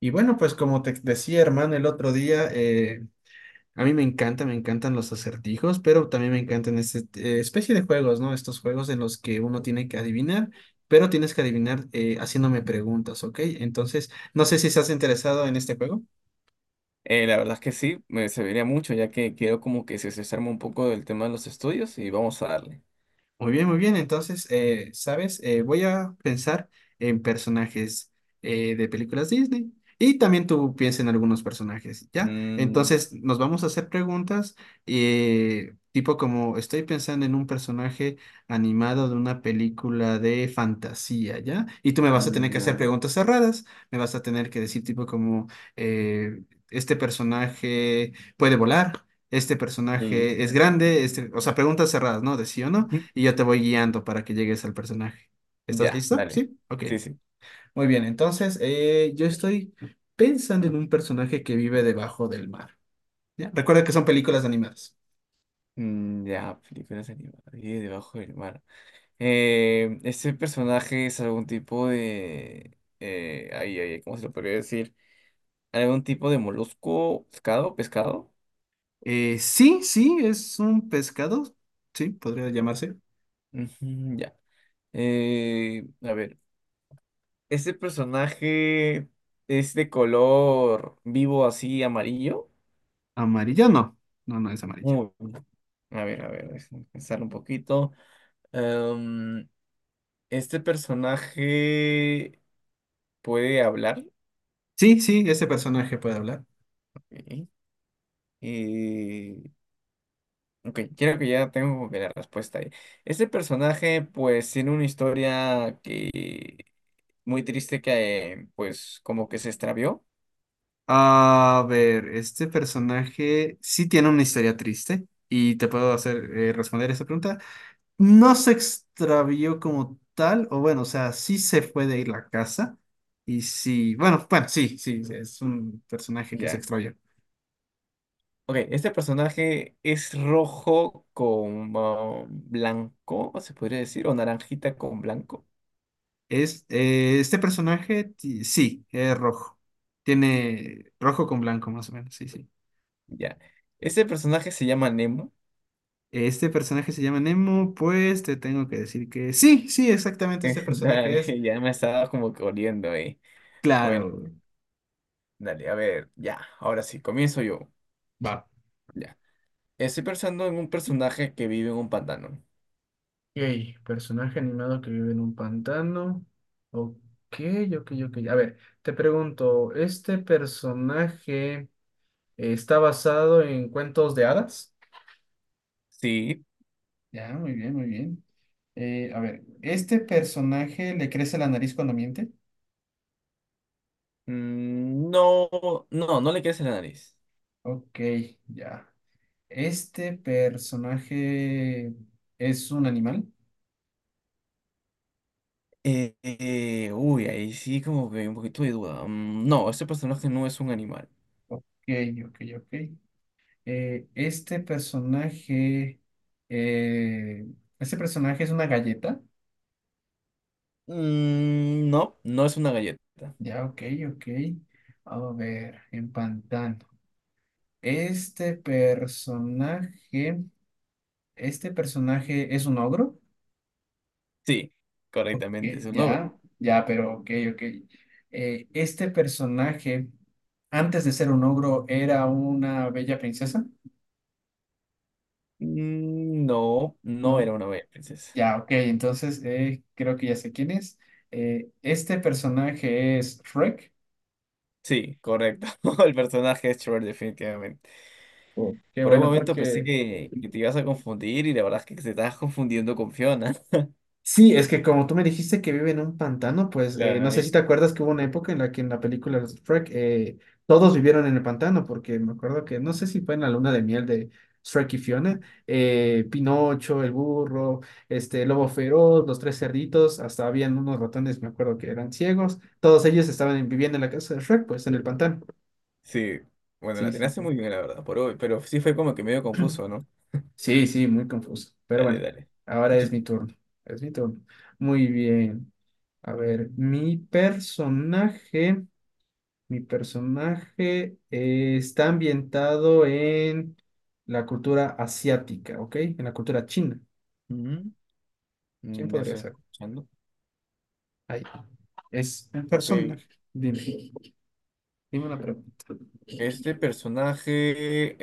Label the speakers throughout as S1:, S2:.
S1: Y bueno, pues como te decía, hermano, el otro día, a mí me encanta, me encantan los acertijos, pero también me encantan esta especie de juegos, ¿no? Estos juegos en los que uno tiene que adivinar, pero tienes que adivinar haciéndome preguntas, ¿ok? Entonces, no sé si estás interesado en este juego.
S2: La verdad es que sí, me serviría mucho, ya que quiero como que se desarme un poco del tema de los estudios y vamos a darle.
S1: Muy bien, muy bien. Entonces, ¿sabes? Voy a pensar en personajes de películas Disney y también tú piensa en algunos personajes, ¿ya?
S2: Mm, ya.
S1: Entonces, nos vamos a hacer preguntas tipo como estoy pensando en un personaje animado de una película de fantasía, ¿ya? Y tú me vas a
S2: Mm,
S1: tener que hacer
S2: ya.
S1: preguntas cerradas, me vas a tener que decir tipo como eh, este personaje puede volar. Este personaje es
S2: Listo.
S1: grande, este, o sea, preguntas cerradas, ¿no? De sí o no,
S2: Ujú.
S1: y yo te voy guiando para que llegues al personaje. ¿Estás
S2: Ya,
S1: listo?
S2: dale.
S1: Sí, ok.
S2: Sí, sí.
S1: Muy bien, entonces yo estoy pensando en un personaje que vive debajo del mar. ¿Ya? Recuerda que son películas animadas.
S2: Mm, ya, películas animadas. Y debajo del mar. ¿Este personaje es algún tipo de... ay, ay, ay, ¿cómo se lo podría decir? ¿Algún tipo de molusco, pescado,
S1: Sí, sí, es un pescado. Sí, podría llamarse.
S2: Ujú, ya. A ver. Este personaje es de color vivo así amarillo.
S1: Amarillo, no. No, no es amarillo.
S2: Uy, a ver, déjame pensar un poquito. Em, este personaje puede hablar.
S1: Sí, sí, ese personaje puede hablar.
S2: Ok. Eh, ok, creo que ya tengo como que la respuesta ahí. Este personaje pues tiene una historia que muy triste que pues como que se extravió.
S1: A ver, este personaje sí tiene una historia triste y te puedo hacer responder esa pregunta. No se extravió como tal, o bueno, o sea, sí se fue de la casa. Y sí, bueno, bueno, sí, sí, sí, es un personaje que se
S2: Ya.
S1: extravió.
S2: Ok, este personaje es rojo con ah, blanco, se podría decir, o naranjita con blanco.
S1: Es, este personaje, sí, es rojo. Tiene rojo con blanco, más o menos, sí, sí.
S2: Ya. Este personaje se llama Nemo.
S1: Este personaje se llama Nemo, pues te tengo que decir que sí, sí, exactamente este personaje es.
S2: Dale, ya me estaba como que oliendo ahí. Bueno,
S1: Claro,
S2: dale, a ver, ya, ahora sí, comienzo yo.
S1: va.
S2: Ya. Estoy pensando en un personaje que vive en un pantano.
S1: Ok, personaje animado que vive en un pantano. Ok, ok, ok. A ver, te pregunto, ¿este personaje está basado en cuentos de hadas?
S2: Sí.
S1: Ya, muy bien, muy bien. A ver, ¿este personaje le crece la nariz cuando miente?
S2: Mm, no, no, no le quieres la nariz.
S1: Ok, ya. ¿Este personaje es un animal?
S2: Uy, ahí sí como que un poquito de duda. Mm, no, este personaje no es un animal.
S1: Ok, ok, ok. ¿Este personaje... eh, ¿este personaje es una galleta?
S2: Mm, no, no es una galleta.
S1: Ya, ok, ok. A ver, empantando. Este personaje, este personaje es un ogro.
S2: Sí, correctamente,
S1: Eh,
S2: es un ogro.
S1: ya, ya, pero ok, ok. Este personaje, antes de ser un ogro, era una bella princesa,
S2: Mm, no, no
S1: ¿no?
S2: era una bella princesa.
S1: Ya, ok, entonces creo que ya sé quién es. Este personaje es Shrek.
S2: Sí, correcto. El personaje es Trevor, definitivamente.
S1: Oh, qué
S2: Por un
S1: bueno,
S2: momento pensé
S1: porque
S2: que te ibas a confundir y la verdad es que te estabas confundiendo con Fiona.
S1: sí, es que como tú me dijiste que vive en un pantano, pues
S2: La
S1: no sé si
S2: nariz.
S1: te acuerdas que hubo una época en la que en la película de Shrek todos vivieron en el pantano, porque me acuerdo que no sé si fue en la luna de miel de Shrek y Fiona, Pinocho, el burro, este el lobo feroz, los tres cerditos, hasta habían unos ratones, me acuerdo que eran ciegos, todos ellos estaban viviendo en la casa de Shrek, pues en el pantano.
S2: Sí, bueno, la
S1: Sí, sí,
S2: tenías
S1: sí.
S2: muy bien, la verdad, por hoy, pero sí fue como que medio confuso, ¿no?
S1: Sí, sí, muy confuso. Pero
S2: Dale,
S1: bueno,
S2: dale.
S1: ahora es
S2: Escúchate.
S1: mi turno. Es mi turno. Muy bien. A ver, mi personaje está ambientado en la cultura asiática, ¿ok? En la cultura china.
S2: Ujú,
S1: ¿Quién
S2: mm, ya
S1: podría
S2: estoy
S1: ser?
S2: escuchando.
S1: Ahí. Es un
S2: Ok,
S1: personaje. Dime, dime una pregunta.
S2: este personaje,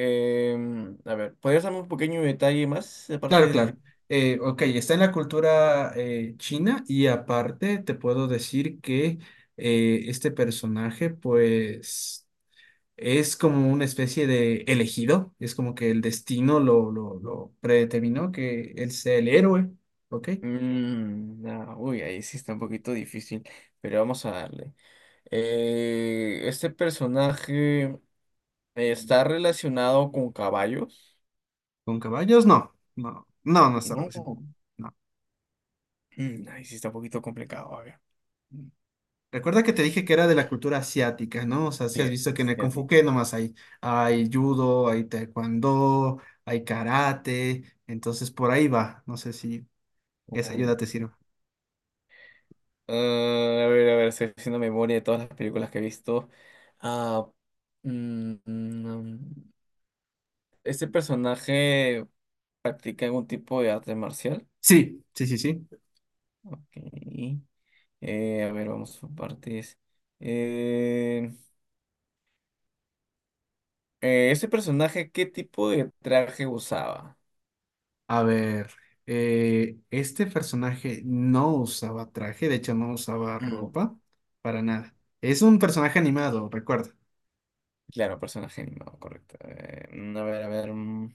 S2: a ver, ¿podrías darme un pequeño detalle más? Aparte
S1: Claro,
S2: de
S1: claro.
S2: que...
S1: Ok, está en la cultura china y aparte te puedo decir que este personaje pues es como una especie de elegido, es como que el destino lo predeterminó que él sea el héroe, ¿ok?
S2: Mm, no, uy, ahí sí está un poquito difícil, pero vamos a darle. ¿Este personaje está relacionado con caballos?
S1: ¿Con caballos? No, no, no, no está relacionado.
S2: No. Mm, ahí sí está un poquito complicado, a ver.
S1: Recuerda que te dije que era de la cultura asiática, ¿no? O sea, si
S2: Sí,
S1: has visto que en el Kung Fu
S2: asiático.
S1: ¿qué nomás hay, hay judo, hay taekwondo, hay karate, entonces por ahí va. No sé si esa
S2: Uy.
S1: ayuda te sirve.
S2: Ah, a ver, estoy haciendo memoria de todas las películas que he visto. Ah, mm, este personaje practica algún tipo de arte marcial.
S1: Sí, sí, sí, sí.
S2: Ok. A ver, vamos por partes. Eh, ¿Ese personaje qué tipo de traje usaba?
S1: A ver, este personaje no usaba traje, de hecho no usaba
S2: Mm.
S1: ropa para nada. Es un personaje animado, recuerda.
S2: Claro, personaje animado, correcto. Mm, a ver, a ver. Mm.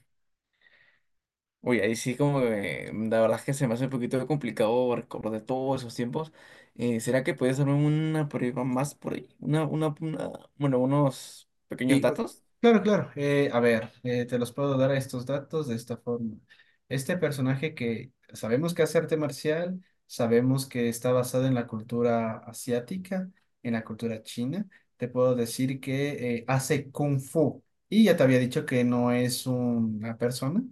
S2: Uy, ahí sí como que mm, la verdad es que se me hace un poquito complicado recordar todos esos tiempos. ¿Será que puedes darme una prueba más por ahí? Bueno, unos pequeños
S1: Y, uh,
S2: datos.
S1: claro, claro. A ver, te los puedo dar a estos datos de esta forma. Este personaje que sabemos que hace arte marcial, sabemos que está basado en la cultura asiática, en la cultura china. Te puedo decir que hace kung fu. Y ya te había dicho que no es una persona,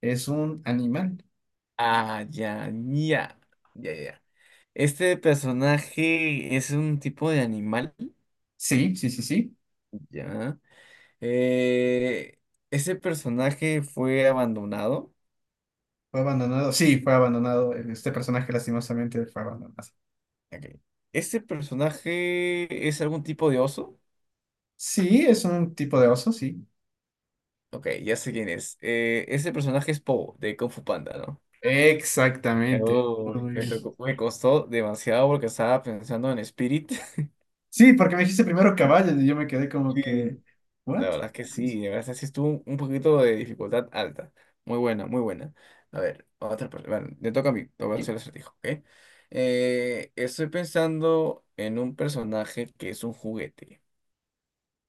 S1: es un animal.
S2: Ah, ya, ya, ya, ya. Este personaje es un tipo de animal,
S1: Sí, sí, sí, sí.
S2: ya. Eh, ese personaje fue abandonado.
S1: Fue abandonado. Sí, fue abandonado. Este personaje lastimosamente fue abandonado.
S2: Ok. Ese personaje es algún tipo de oso.
S1: Sí, es un tipo de oso, sí.
S2: Ok, ya sé quién es. Ese personaje es Po, de Kung Fu Panda, ¿no?
S1: Exactamente.
S2: Oh,
S1: Muy, muy bien.
S2: me costó demasiado porque estaba pensando en Spirit.
S1: Sí, porque me dijiste primero caballos y yo me quedé como que,
S2: La
S1: ¿what?
S2: verdad es que
S1: Sí, sí.
S2: sí, de verdad sí estuvo un poquito de dificultad alta. Muy buena, muy buena. A ver, otra persona. Bueno, le toca a mí, te voy a
S1: Y-
S2: hacer el acertijo, ¿ok? Estoy pensando en un personaje que es un juguete.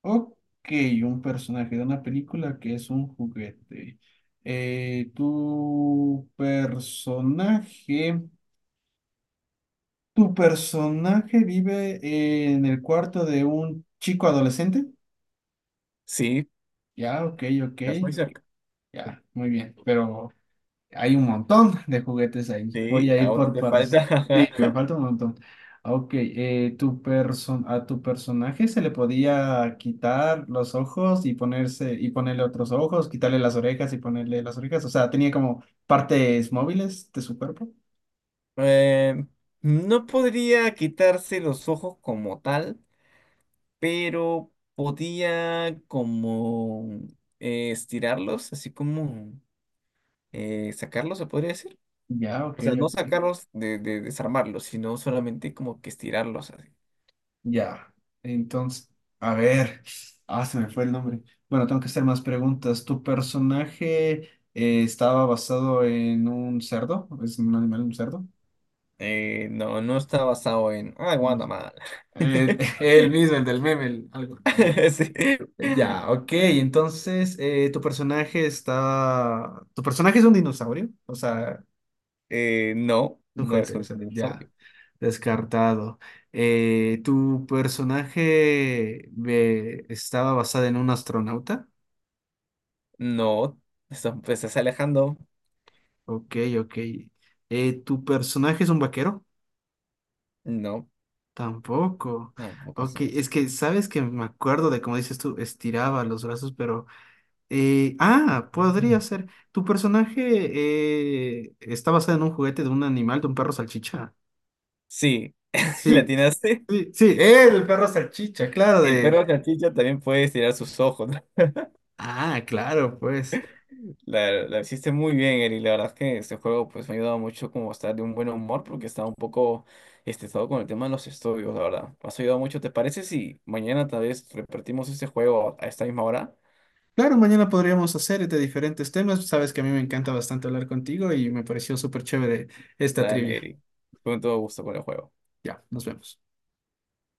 S1: Ok, un personaje de una película que es un juguete. Eh, tu personaje, tu personaje vive en el cuarto de un chico adolescente.
S2: Sí,
S1: Ya, ok, ok.
S2: estás muy cerca.
S1: Ya, muy bien. Pero hay un montón de juguetes ahí. Voy
S2: Sí,
S1: a ir
S2: aún
S1: por
S2: te
S1: partes.
S2: falta.
S1: Sí, me falta un montón. Ok, tu personaje se le podía quitar los ojos y ponerse y ponerle otros ojos, quitarle las orejas y ponerle las orejas. O sea, tenía como partes móviles de su cuerpo.
S2: Eh, no podría quitarse los ojos como tal, pero podía como estirarlos, así como sacarlos, se podría decir.
S1: Ya, ok,
S2: O sea, no
S1: ok.
S2: sacarlos de desarmarlos, sino solamente como que estirarlos así.
S1: Ya. Entonces, a ver. Ah, se me fue el nombre. Bueno, tengo que hacer más preguntas. ¿Tu personaje estaba basado en un cerdo? ¿Es un animal, un cerdo?
S2: No, no está basado en, ay, Guatemala.
S1: El, el mismo, el del meme, algo también.
S2: Sí.
S1: Ya, ok, entonces tu personaje está... Tu personaje es un dinosaurio, o sea,
S2: No, no es
S1: sujete, o
S2: un
S1: sea,
S2: dinosaurio.
S1: ya, descartado. ¿Tu personaje estaba basado en un astronauta?
S2: No, eso, pues es Alejandro.
S1: Ok, ok. ¿Tu personaje es un vaquero?
S2: No,
S1: Tampoco.
S2: tampoco es
S1: Ok, es
S2: así.
S1: que sabes que me acuerdo de cómo dices tú, estiraba los brazos, pero... podría
S2: Ujú.
S1: ser. ¿Tu personaje está basado en un juguete de un animal, de un perro salchicha?
S2: Sí, la
S1: Sí,
S2: atinaste.
S1: sí, sí, el perro salchicha, claro,
S2: El
S1: de...
S2: perro cachicha también puede estirar sus ojos.
S1: Ah, claro, pues.
S2: La hiciste muy bien, Eri. La verdad es que este juego pues me ha ayudado mucho como a estar de un buen humor porque estaba un poco estresado con el tema de los estudios, la verdad. Me has ayudado mucho. ¿Te parece si mañana tal vez repartimos este juego a esta misma hora?
S1: Claro, mañana podríamos hacer de diferentes temas. Sabes que a mí me encanta bastante hablar contigo y me pareció súper chévere esta
S2: Dale,
S1: trivia.
S2: Eri. Con todo gusto con el juego.
S1: Ya, nos vemos.